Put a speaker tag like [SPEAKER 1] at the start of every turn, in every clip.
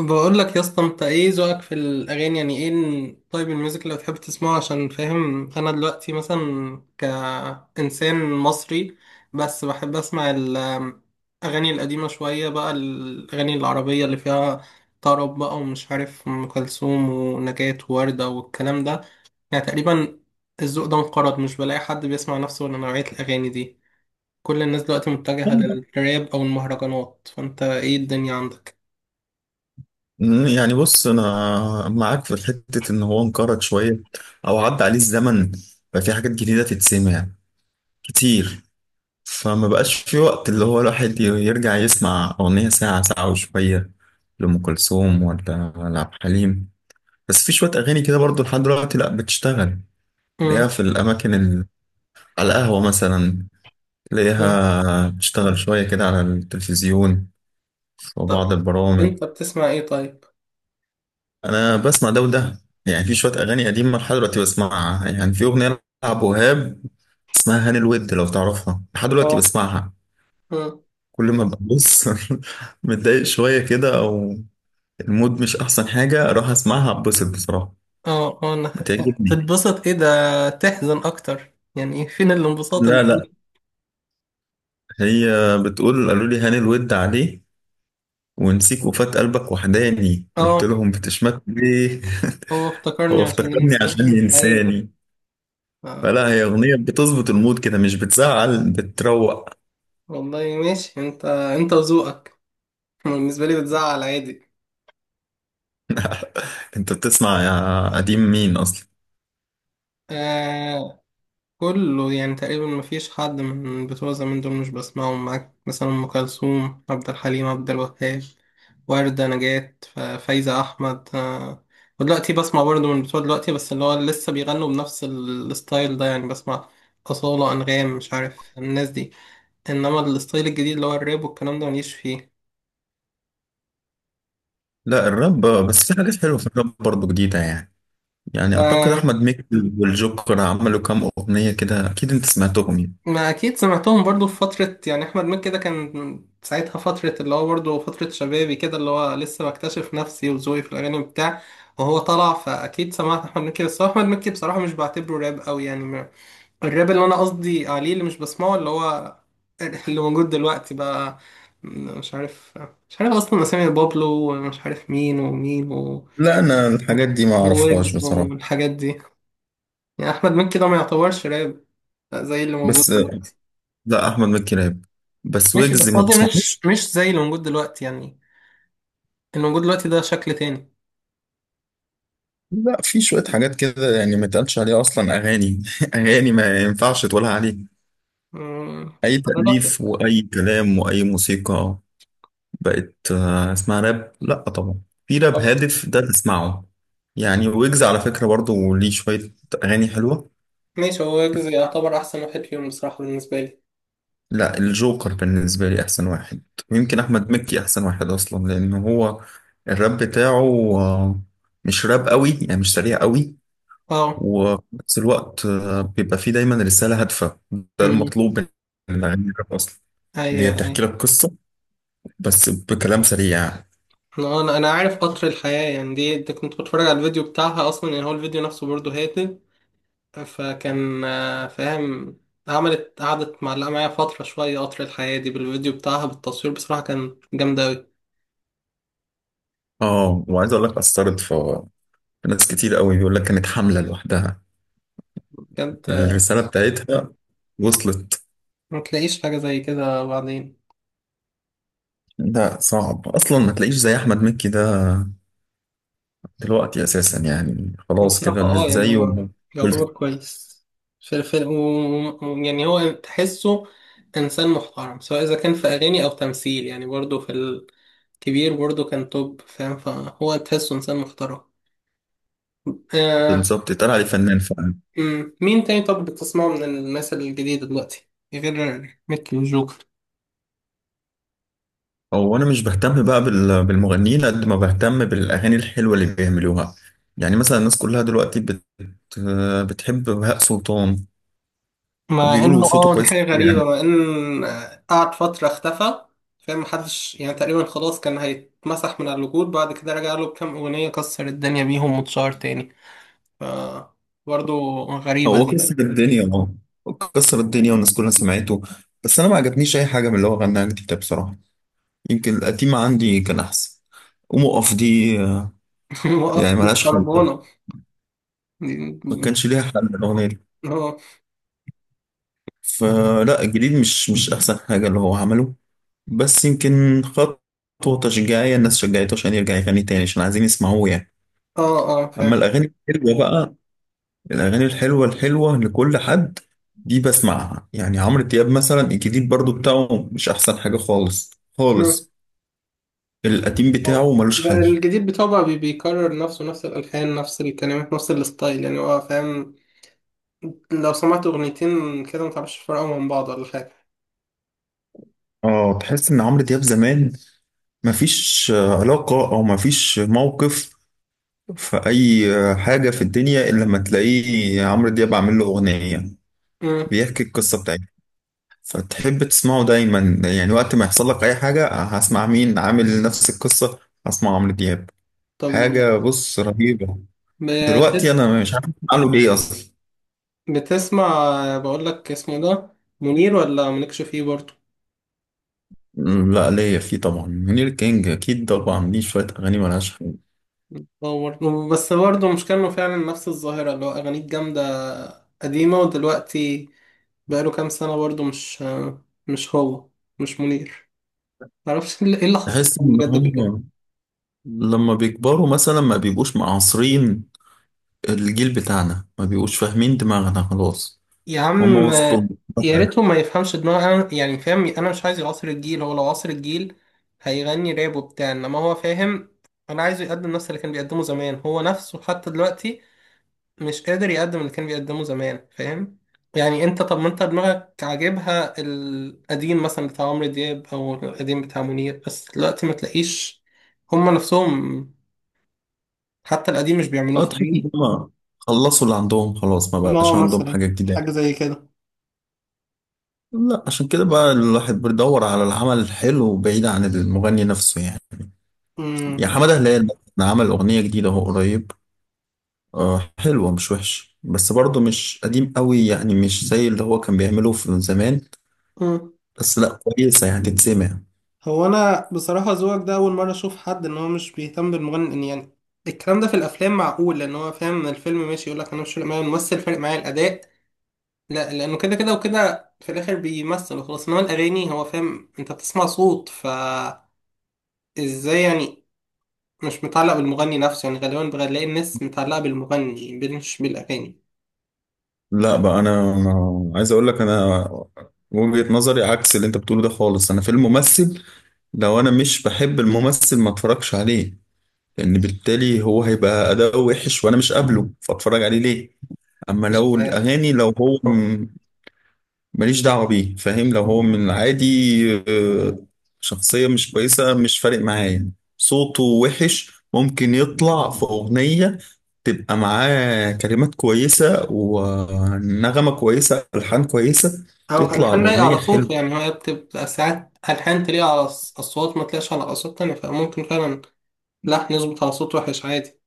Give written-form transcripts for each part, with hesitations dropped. [SPEAKER 1] بقول لك يا اسطى، انت ايه ذوقك في الاغاني؟ يعني ايه طيب الميوزك اللي بتحب تسمعه؟ عشان فاهم انا دلوقتي، مثلا كانسان مصري، بس بحب اسمع الاغاني القديمه شويه، بقى الاغاني العربيه اللي فيها طرب بقى، ومش عارف، ام كلثوم ونجاة ووردة والكلام ده. يعني تقريبا الذوق ده انقرض، مش بلاقي حد بيسمع نفسه ولا نوعيه الاغاني دي. كل الناس دلوقتي متجهه
[SPEAKER 2] مم،
[SPEAKER 1] للراب او المهرجانات. فانت ايه الدنيا عندك؟
[SPEAKER 2] يعني بص انا معاك في حته ان هو انقرض شويه او عدى عليه الزمن. ففي حاجات جديده تتسمع كتير، فما بقاش في وقت اللي هو الواحد يرجع يسمع اغنيه ساعه ساعه وشويه لام كلثوم ولا عبد الحليم. بس في شويه اغاني كده برضو لحد دلوقتي لا بتشتغل، تلاقيها في الاماكن على القهوه مثلا،
[SPEAKER 1] مم.
[SPEAKER 2] تلاقيها بتشتغل شويه كده على التلفزيون
[SPEAKER 1] طب
[SPEAKER 2] وبعض البرامج.
[SPEAKER 1] انت بتسمع ايه طيب؟
[SPEAKER 2] انا بسمع ده وده، يعني في شويه اغاني قديمه لحد دلوقتي بسمعها، يعني في اغنيه لعب وهاب اسمها هاني الود لو تعرفها لحد دلوقتي
[SPEAKER 1] اه.
[SPEAKER 2] بسمعها،
[SPEAKER 1] مم.
[SPEAKER 2] كل ما ببص متضايق شويه كده او المود مش احسن حاجه اروح اسمعها اتبسط بصراحه،
[SPEAKER 1] اه، اه، انا
[SPEAKER 2] بتعجبني.
[SPEAKER 1] تتبسط ايه ده؟ تحزن اكتر يعني، ايه؟ فين الانبساط اللي
[SPEAKER 2] لا لا،
[SPEAKER 1] فيه؟
[SPEAKER 2] هي بتقول قالوا لي هاني الود عليه ونسيك وفات قلبك وحداني قلت
[SPEAKER 1] اه.
[SPEAKER 2] لهم بتشمت ليه.
[SPEAKER 1] هو افتكرني
[SPEAKER 2] هو
[SPEAKER 1] عشان
[SPEAKER 2] افتكرني
[SPEAKER 1] ينسى
[SPEAKER 2] عشان
[SPEAKER 1] اي.
[SPEAKER 2] ينساني،
[SPEAKER 1] اه،
[SPEAKER 2] فلا هي اغنيه بتظبط المود كده مش بتزعل، بتروق.
[SPEAKER 1] والله ماشي، انت وذوقك. بالنسبه لي بتزعل عادي.
[SPEAKER 2] انت بتسمع يا قديم مين اصلا؟
[SPEAKER 1] آه، كله يعني تقريبا، مفيش حد من بتوع زمان دول مش بسمعهم معاك، مثلا أم كلثوم، عبد الحليم، عبد الوهاب، وردة، نجاة، فايزة أحمد، ودلوقتي بسمع برضه من بتوع دلوقتي، بس اللي هو لسه بيغنوا بنفس الستايل ده، يعني بسمع أصالة، أنغام، مش عارف الناس دي، إنما الستايل الجديد اللي هو الراب والكلام ده مليش فيه.
[SPEAKER 2] لا الراب آه، بس في حاجات حلوه في الراب برضه جديده يعني، يعني اعتقد احمد مكي والجوكر عملوا كام اغنيه كده اكيد انت سمعتهم يعني.
[SPEAKER 1] ما اكيد سمعتهم برضو في فترة، يعني احمد مكي ده كان ساعتها فترة اللي هو برضو فترة شبابي كده، اللي هو لسه بكتشف نفسي وذوقي في الاغاني بتاع، وهو طلع. فاكيد سمعت احمد مكي، بس هو احمد مكي بصراحة مش بعتبره راب قوي يعني، الراب اللي انا قصدي عليه اللي مش بسمعه، اللي هو اللي موجود دلوقتي بقى، مش عارف مش عارف اصلا اسامي بابلو، ومش عارف مين ومين و...
[SPEAKER 2] لا انا الحاجات دي ما اعرفهاش
[SPEAKER 1] وويجز
[SPEAKER 2] بصراحه.
[SPEAKER 1] والحاجات دي. يعني احمد مكي ده ما يعتبرش راب زي اللي موجود
[SPEAKER 2] بس آه،
[SPEAKER 1] دلوقتي.
[SPEAKER 2] لا احمد مكي راب، بس
[SPEAKER 1] ماشي،
[SPEAKER 2] ويجز
[SPEAKER 1] بس
[SPEAKER 2] ما
[SPEAKER 1] قصدي
[SPEAKER 2] بتسمعوش.
[SPEAKER 1] مش زي اللي موجود دلوقتي يعني، اللي موجود دلوقتي ده شكل تاني.
[SPEAKER 2] لا في شويه حاجات كده يعني ما يتقالش عليها اصلا اغاني اغاني ما ينفعش تقولها عليه،
[SPEAKER 1] مم،
[SPEAKER 2] اي
[SPEAKER 1] على
[SPEAKER 2] تأليف
[SPEAKER 1] رأيك.
[SPEAKER 2] واي كلام واي موسيقى بقت آه، اسمها راب؟ لا طبعا. في راب
[SPEAKER 1] طب
[SPEAKER 2] هادف ده تسمعه، يعني ويجز على فكرة برضو ليه شوية أغاني حلوة.
[SPEAKER 1] ماشي، هو ويجز يعتبر أحسن واحد فيهم بصراحة بالنسبة لي.
[SPEAKER 2] لا الجوكر بالنسبة لي أحسن واحد، ويمكن أحمد مكي أحسن واحد أصلا لأن هو الراب بتاعه آه، مش راب قوي يعني مش سريع قوي،
[SPEAKER 1] اه.
[SPEAKER 2] وفي نفس الوقت آه، بيبقى فيه دايما رسالة هادفة، ده
[SPEAKER 1] مم.
[SPEAKER 2] المطلوب من الأغاني الراب أصلا،
[SPEAKER 1] أيوة،
[SPEAKER 2] اللي هي بتحكي
[SPEAKER 1] أيوة،
[SPEAKER 2] لك قصة بس بكلام سريع.
[SPEAKER 1] أنا أنا عارف قطر الحياة، يعني دي كنت بتفرج على الفيديو بتاعها أصلا، يعني هو الفيديو نفسه برضه هادي. فكان فاهم. عملت قعدت معلقة معايا فترة شوية، قطر الحياة دي بالفيديو بتاعها بالتصوير بصراحة كان جامدة أوي.
[SPEAKER 2] اه وعايز اقول لك اثرت في في ناس كتير قوي، بيقول لك كانت حمله لوحدها
[SPEAKER 1] كانت
[SPEAKER 2] الرساله بتاعتها وصلت.
[SPEAKER 1] ما تلاقيش حاجة زي كده بعدين.
[SPEAKER 2] ده صعب اصلا ما تلاقيش زي احمد مكي ده دلوقتي اساسا، يعني
[SPEAKER 1] هو
[SPEAKER 2] خلاص
[SPEAKER 1] بصراحة
[SPEAKER 2] كده اللي
[SPEAKER 1] يعني
[SPEAKER 2] زيه.
[SPEAKER 1] هو
[SPEAKER 2] بال-
[SPEAKER 1] يعتبر كويس. في يعني هو تحسه إنسان محترم، سواء إذا كان في أغاني أو تمثيل، يعني برضه في الكبير برضه كان توب، فاهم، فهو تحسه إنسان محترم. آه.
[SPEAKER 2] بالظبط اتقال عليه فنان فعلا.
[SPEAKER 1] مين تاني طب بتسمعه من الناس الجديدة دلوقتي غير ميكي وجوكر؟
[SPEAKER 2] هو انا مش بهتم بقى بالمغنيين قد ما بهتم بالاغاني الحلوه اللي بيعملوها، يعني مثلا الناس كلها دلوقتي آه، بتحب بهاء سلطان
[SPEAKER 1] مع انه
[SPEAKER 2] وبيقولوا صوته
[SPEAKER 1] دي
[SPEAKER 2] كويس
[SPEAKER 1] حاجة
[SPEAKER 2] يعني.
[SPEAKER 1] غريبة، مع ان قعد فترة اختفى، فاهم، محدش يعني تقريبا، خلاص كان هيتمسح من على الوجود، بعد كده رجع له بكام اغنية كسر الدنيا بيهم واتشهر تاني. ف، برضه غريبة
[SPEAKER 2] هو
[SPEAKER 1] دي.
[SPEAKER 2] كسر الدنيا اه، كسر الدنيا والناس كلها سمعته، بس انا ما عجبنيش اي حاجه من اللي هو غناها جديده بصراحه، يمكن القديمه عندي كان احسن. ومقف دي آه،
[SPEAKER 1] وقف
[SPEAKER 2] يعني
[SPEAKER 1] دي
[SPEAKER 2] ملهاش حل،
[SPEAKER 1] خربانة، دي-
[SPEAKER 2] ما كانش ليها حل الاغنيه دي.
[SPEAKER 1] اه،
[SPEAKER 2] فلا الجديد مش احسن حاجه اللي هو عمله، بس يمكن خطوه تشجيعيه الناس شجعته عشان يرجع يغني تاني عشان عايزين يسمعوه يعني.
[SPEAKER 1] اه، اه،
[SPEAKER 2] اما
[SPEAKER 1] فاهم.
[SPEAKER 2] الاغاني الحلوه بقى، الأغاني الحلوة الحلوة لكل حد دي بسمعها، يعني عمرو دياب مثلا الجديد برضو بتاعه مش أحسن حاجة خالص
[SPEAKER 1] مم.
[SPEAKER 2] خالص، القديم
[SPEAKER 1] آه.
[SPEAKER 2] بتاعه ملوش
[SPEAKER 1] ده
[SPEAKER 2] حل.
[SPEAKER 1] الجديد بتاعه بقى، بيكرر نفسه، نفس الألحان، نفس الكلمات، نفس الستايل، يعني هو فاهم، لو سمعت أغنيتين كده متعرفش تفرقهم من بعض ولا حاجة.
[SPEAKER 2] اه تحس إن عمرو دياب زمان مفيش آه، علاقة أو مفيش موقف في أي آه، حاجة في الدنيا إلا لما تلاقيه عمرو دياب عامل له أغنية
[SPEAKER 1] مم.
[SPEAKER 2] بيحكي القصة بتاعته، فتحب تسمعه دايما، يعني وقت ما يحصل لك أي حاجة هسمع مين عامل نفس القصة، هسمع عمرو دياب.
[SPEAKER 1] طب
[SPEAKER 2] حاجة بص رهيبة. دلوقتي
[SPEAKER 1] بتسمع
[SPEAKER 2] انا مش عارف اعمل ايه اصلا.
[SPEAKER 1] بتسمع بقول لك، اسمه ده منير ولا مالكش فيه برضه؟
[SPEAKER 2] أمم، لا ليا فيه طبعا، منير كينج اكيد طبعا، ليه شويه اغاني ملهاش حل.
[SPEAKER 1] اه برضه، بس برضه مش كانوا فعلا نفس الظاهرة، اللي هو أغانيه جامدة قديمة، ودلوقتي بقاله كام سنة برضه مش هو، مش منير، معرفش ايه اللي حصل
[SPEAKER 2] تحس
[SPEAKER 1] لهم
[SPEAKER 2] ان
[SPEAKER 1] بجد كلهم.
[SPEAKER 2] هم لما بيكبروا مثلا ما بيبقوش معاصرين، الجيل بتاعنا ما بيبقوش فاهمين دماغنا خلاص،
[SPEAKER 1] يا
[SPEAKER 2] هم
[SPEAKER 1] عم،
[SPEAKER 2] وصلوا لمرحلة
[SPEAKER 1] يا
[SPEAKER 2] تانية.
[SPEAKER 1] ريتهم ما يفهمش دماغ يعني فاهم، أنا مش عايز يعاصر الجيل، هو لو عاصر الجيل هيغني راب وبتاع، إنما هو فاهم، أنا عايزه يقدم نفس اللي كان بيقدمه زمان، هو نفسه حتى دلوقتي مش قادر يقدم اللي كان بيقدمه زمان، فاهم، يعني انت، طب ما انت دماغك عاجبها القديم مثلا بتاع عمرو دياب او القديم بتاع منير، بس دلوقتي ما تلاقيش هما نفسهم حتى القديم مش بيعملوه،
[SPEAKER 2] اه تحس ان
[SPEAKER 1] فاهمني؟
[SPEAKER 2] هم خلصوا اللي عندهم خلاص، ما
[SPEAKER 1] اه،
[SPEAKER 2] بقاش عندهم
[SPEAKER 1] مثلا
[SPEAKER 2] حاجه جديده.
[SPEAKER 1] حاجة زي كده.
[SPEAKER 2] لا عشان كده بقى الواحد بيدور على العمل الحلو بعيد عن المغني نفسه يعني، يا
[SPEAKER 1] امم
[SPEAKER 2] حماده هلال مثلاً عمل اغنيه جديده اهو قريب آه، حلوة مش وحش، بس برضه مش قديم قوي يعني مش زي اللي هو كان بيعمله في زمان،
[SPEAKER 1] مم.
[SPEAKER 2] بس لا كويسة يعني تتسمع.
[SPEAKER 1] هو انا بصراحة ذوقك ده اول مرة اشوف حد، ان هو مش بيهتم بالمغني، إن يعني الكلام ده في الافلام معقول، لان هو فاهم ان الفيلم ماشي، يقول لك انا مش فارق معايا الممثل، فارق معايا الاداء، لا لانه كده كده وكده في الاخر بيمثل وخلاص، انما الاغاني هو فاهم، انت بتسمع صوت، فازاي يعني مش متعلق بالمغني نفسه؟ يعني غالبا بلاقي الناس متعلقه بالمغني مش بالاغاني،
[SPEAKER 2] لا بقى انا أنا عايز اقول لك انا وجهة نظري عكس اللي انت بتقوله ده خالص. انا في الممثل لو انا مش بحب الممثل ما اتفرجش عليه لان بالتالي هو هيبقى اداؤه وحش وانا مش قابله فاتفرج عليه ليه. اما
[SPEAKER 1] مش
[SPEAKER 2] لو
[SPEAKER 1] عارف،
[SPEAKER 2] الاغاني لو هو ماليش دعوة بيه فاهم، لو هو من العادي آه، شخصية مش كويسة مش فارق معايا يعني، صوته وحش ممكن يطلع في أغنية تبقى معاه كلمات كويسة ونغمة كويسة ألحان كويسة
[SPEAKER 1] او
[SPEAKER 2] تطلع
[SPEAKER 1] الحان لايقه
[SPEAKER 2] الأغنية
[SPEAKER 1] على
[SPEAKER 2] حلوة.
[SPEAKER 1] صوته، يعني هي بتبقى ساعات الحان تليق على الصوت، ما تليقش على اصوات تانية، فممكن فعلا لحن يظبط على صوت وحش عادي.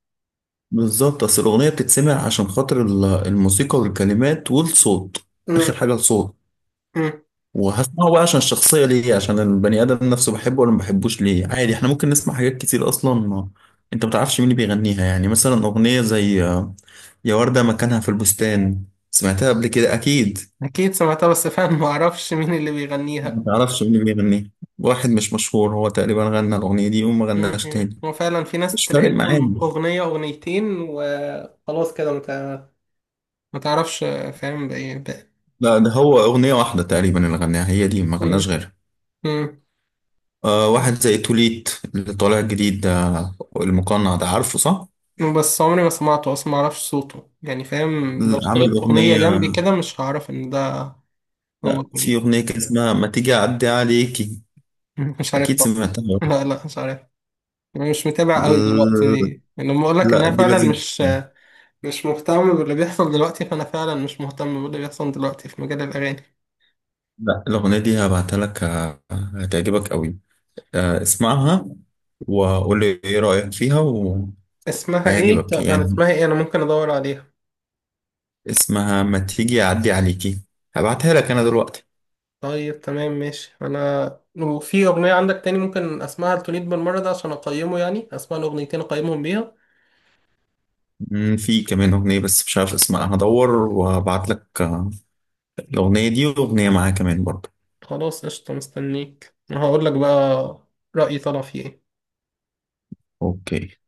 [SPEAKER 2] بالظبط، أصل الأغنية بتتسمع عشان خاطر الموسيقى والكلمات والصوت، آخر
[SPEAKER 1] أمم،
[SPEAKER 2] حاجة الصوت.
[SPEAKER 1] أمم.
[SPEAKER 2] وهسمعه بقى عشان الشخصية ليه؟ عشان البني آدم نفسه بحبه ولا ما بحبوش ليه؟ عادي احنا ممكن نسمع حاجات كتير أصلا ما انت متعرفش مين اللي بيغنيها، يعني مثلا أغنية زي آه، يا وردة مكانها في البستان، سمعتها قبل كده أكيد.
[SPEAKER 1] اكيد سمعتها، بس فعلا ما اعرفش مين اللي
[SPEAKER 2] ما
[SPEAKER 1] بيغنيها.
[SPEAKER 2] تعرفش مين اللي بيغنيها، واحد مش مشهور هو تقريبا غنى الأغنية دي وما غناش
[SPEAKER 1] م-م.
[SPEAKER 2] تاني.
[SPEAKER 1] هو فعلا في ناس
[SPEAKER 2] مش
[SPEAKER 1] تلاقي
[SPEAKER 2] فارق معانا.
[SPEAKER 1] لهم أغنية أغنيتين وخلاص كده مت... ما تعرفش، فاهم بإيه بقى.
[SPEAKER 2] لا ده هو أغنية واحدة تقريبا اللي غناها هي دي، ما غناش
[SPEAKER 1] م-
[SPEAKER 2] غيرها.
[SPEAKER 1] م.
[SPEAKER 2] آه واحد زي توليت اللي طالع جديد ده، المقنع ده، عارفه صح؟
[SPEAKER 1] بس عمري ما سمعته أصلا، ما أعرفش صوته، يعني فاهم، لو
[SPEAKER 2] عامل
[SPEAKER 1] اشتغلت
[SPEAKER 2] أغنية،
[SPEAKER 1] أغنية جنبي كده مش هعرف إن ده هو
[SPEAKER 2] لا في
[SPEAKER 1] كليب،
[SPEAKER 2] أغنية كان اسمها ما تيجي أعدي عليكي،
[SPEAKER 1] مش عارف
[SPEAKER 2] أكيد
[SPEAKER 1] بقى.
[SPEAKER 2] سمعتها.
[SPEAKER 1] لا، لا، مش عارف، أنا مش متابع أوي دلوقتي
[SPEAKER 2] ال-
[SPEAKER 1] دي، يعني لما أقول لك إن
[SPEAKER 2] لا
[SPEAKER 1] أنا
[SPEAKER 2] دي
[SPEAKER 1] فعلا
[SPEAKER 2] لازم
[SPEAKER 1] مش
[SPEAKER 2] تسمع.
[SPEAKER 1] مش مهتم باللي بيحصل دلوقتي، فأنا فعلا مش مهتم باللي بيحصل دلوقتي في مجال الأغاني.
[SPEAKER 2] لا الأغنية دي هبعتها لك هتعجبك قوي آه، اسمعها وقول لي إيه رأيك فيها،
[SPEAKER 1] اسمها إيه؟
[SPEAKER 2] وهيعجبك
[SPEAKER 1] أنا
[SPEAKER 2] يعني.
[SPEAKER 1] اسمها إيه؟ أنا ممكن أدور عليها.
[SPEAKER 2] اسمها ما تيجي أعدي عليكي، هبعتها لك أنا دلوقتي.
[SPEAKER 1] طيب تمام ماشي، انا وفي اغنيه عندك تاني ممكن اسمعها لتوليد بالمره ده عشان اقيمه، يعني اسمع الاغنيتين اقيمهم بيها.
[SPEAKER 2] في كمان أغنية بس مش عارف اسمها، هدور وهبعت لك آه، الأغنية دي وأغنية معاها كمان برضه.
[SPEAKER 1] خلاص قشطه، مستنيك هقول لك بقى رايي طلع فيه ايه.
[SPEAKER 2] أوكي.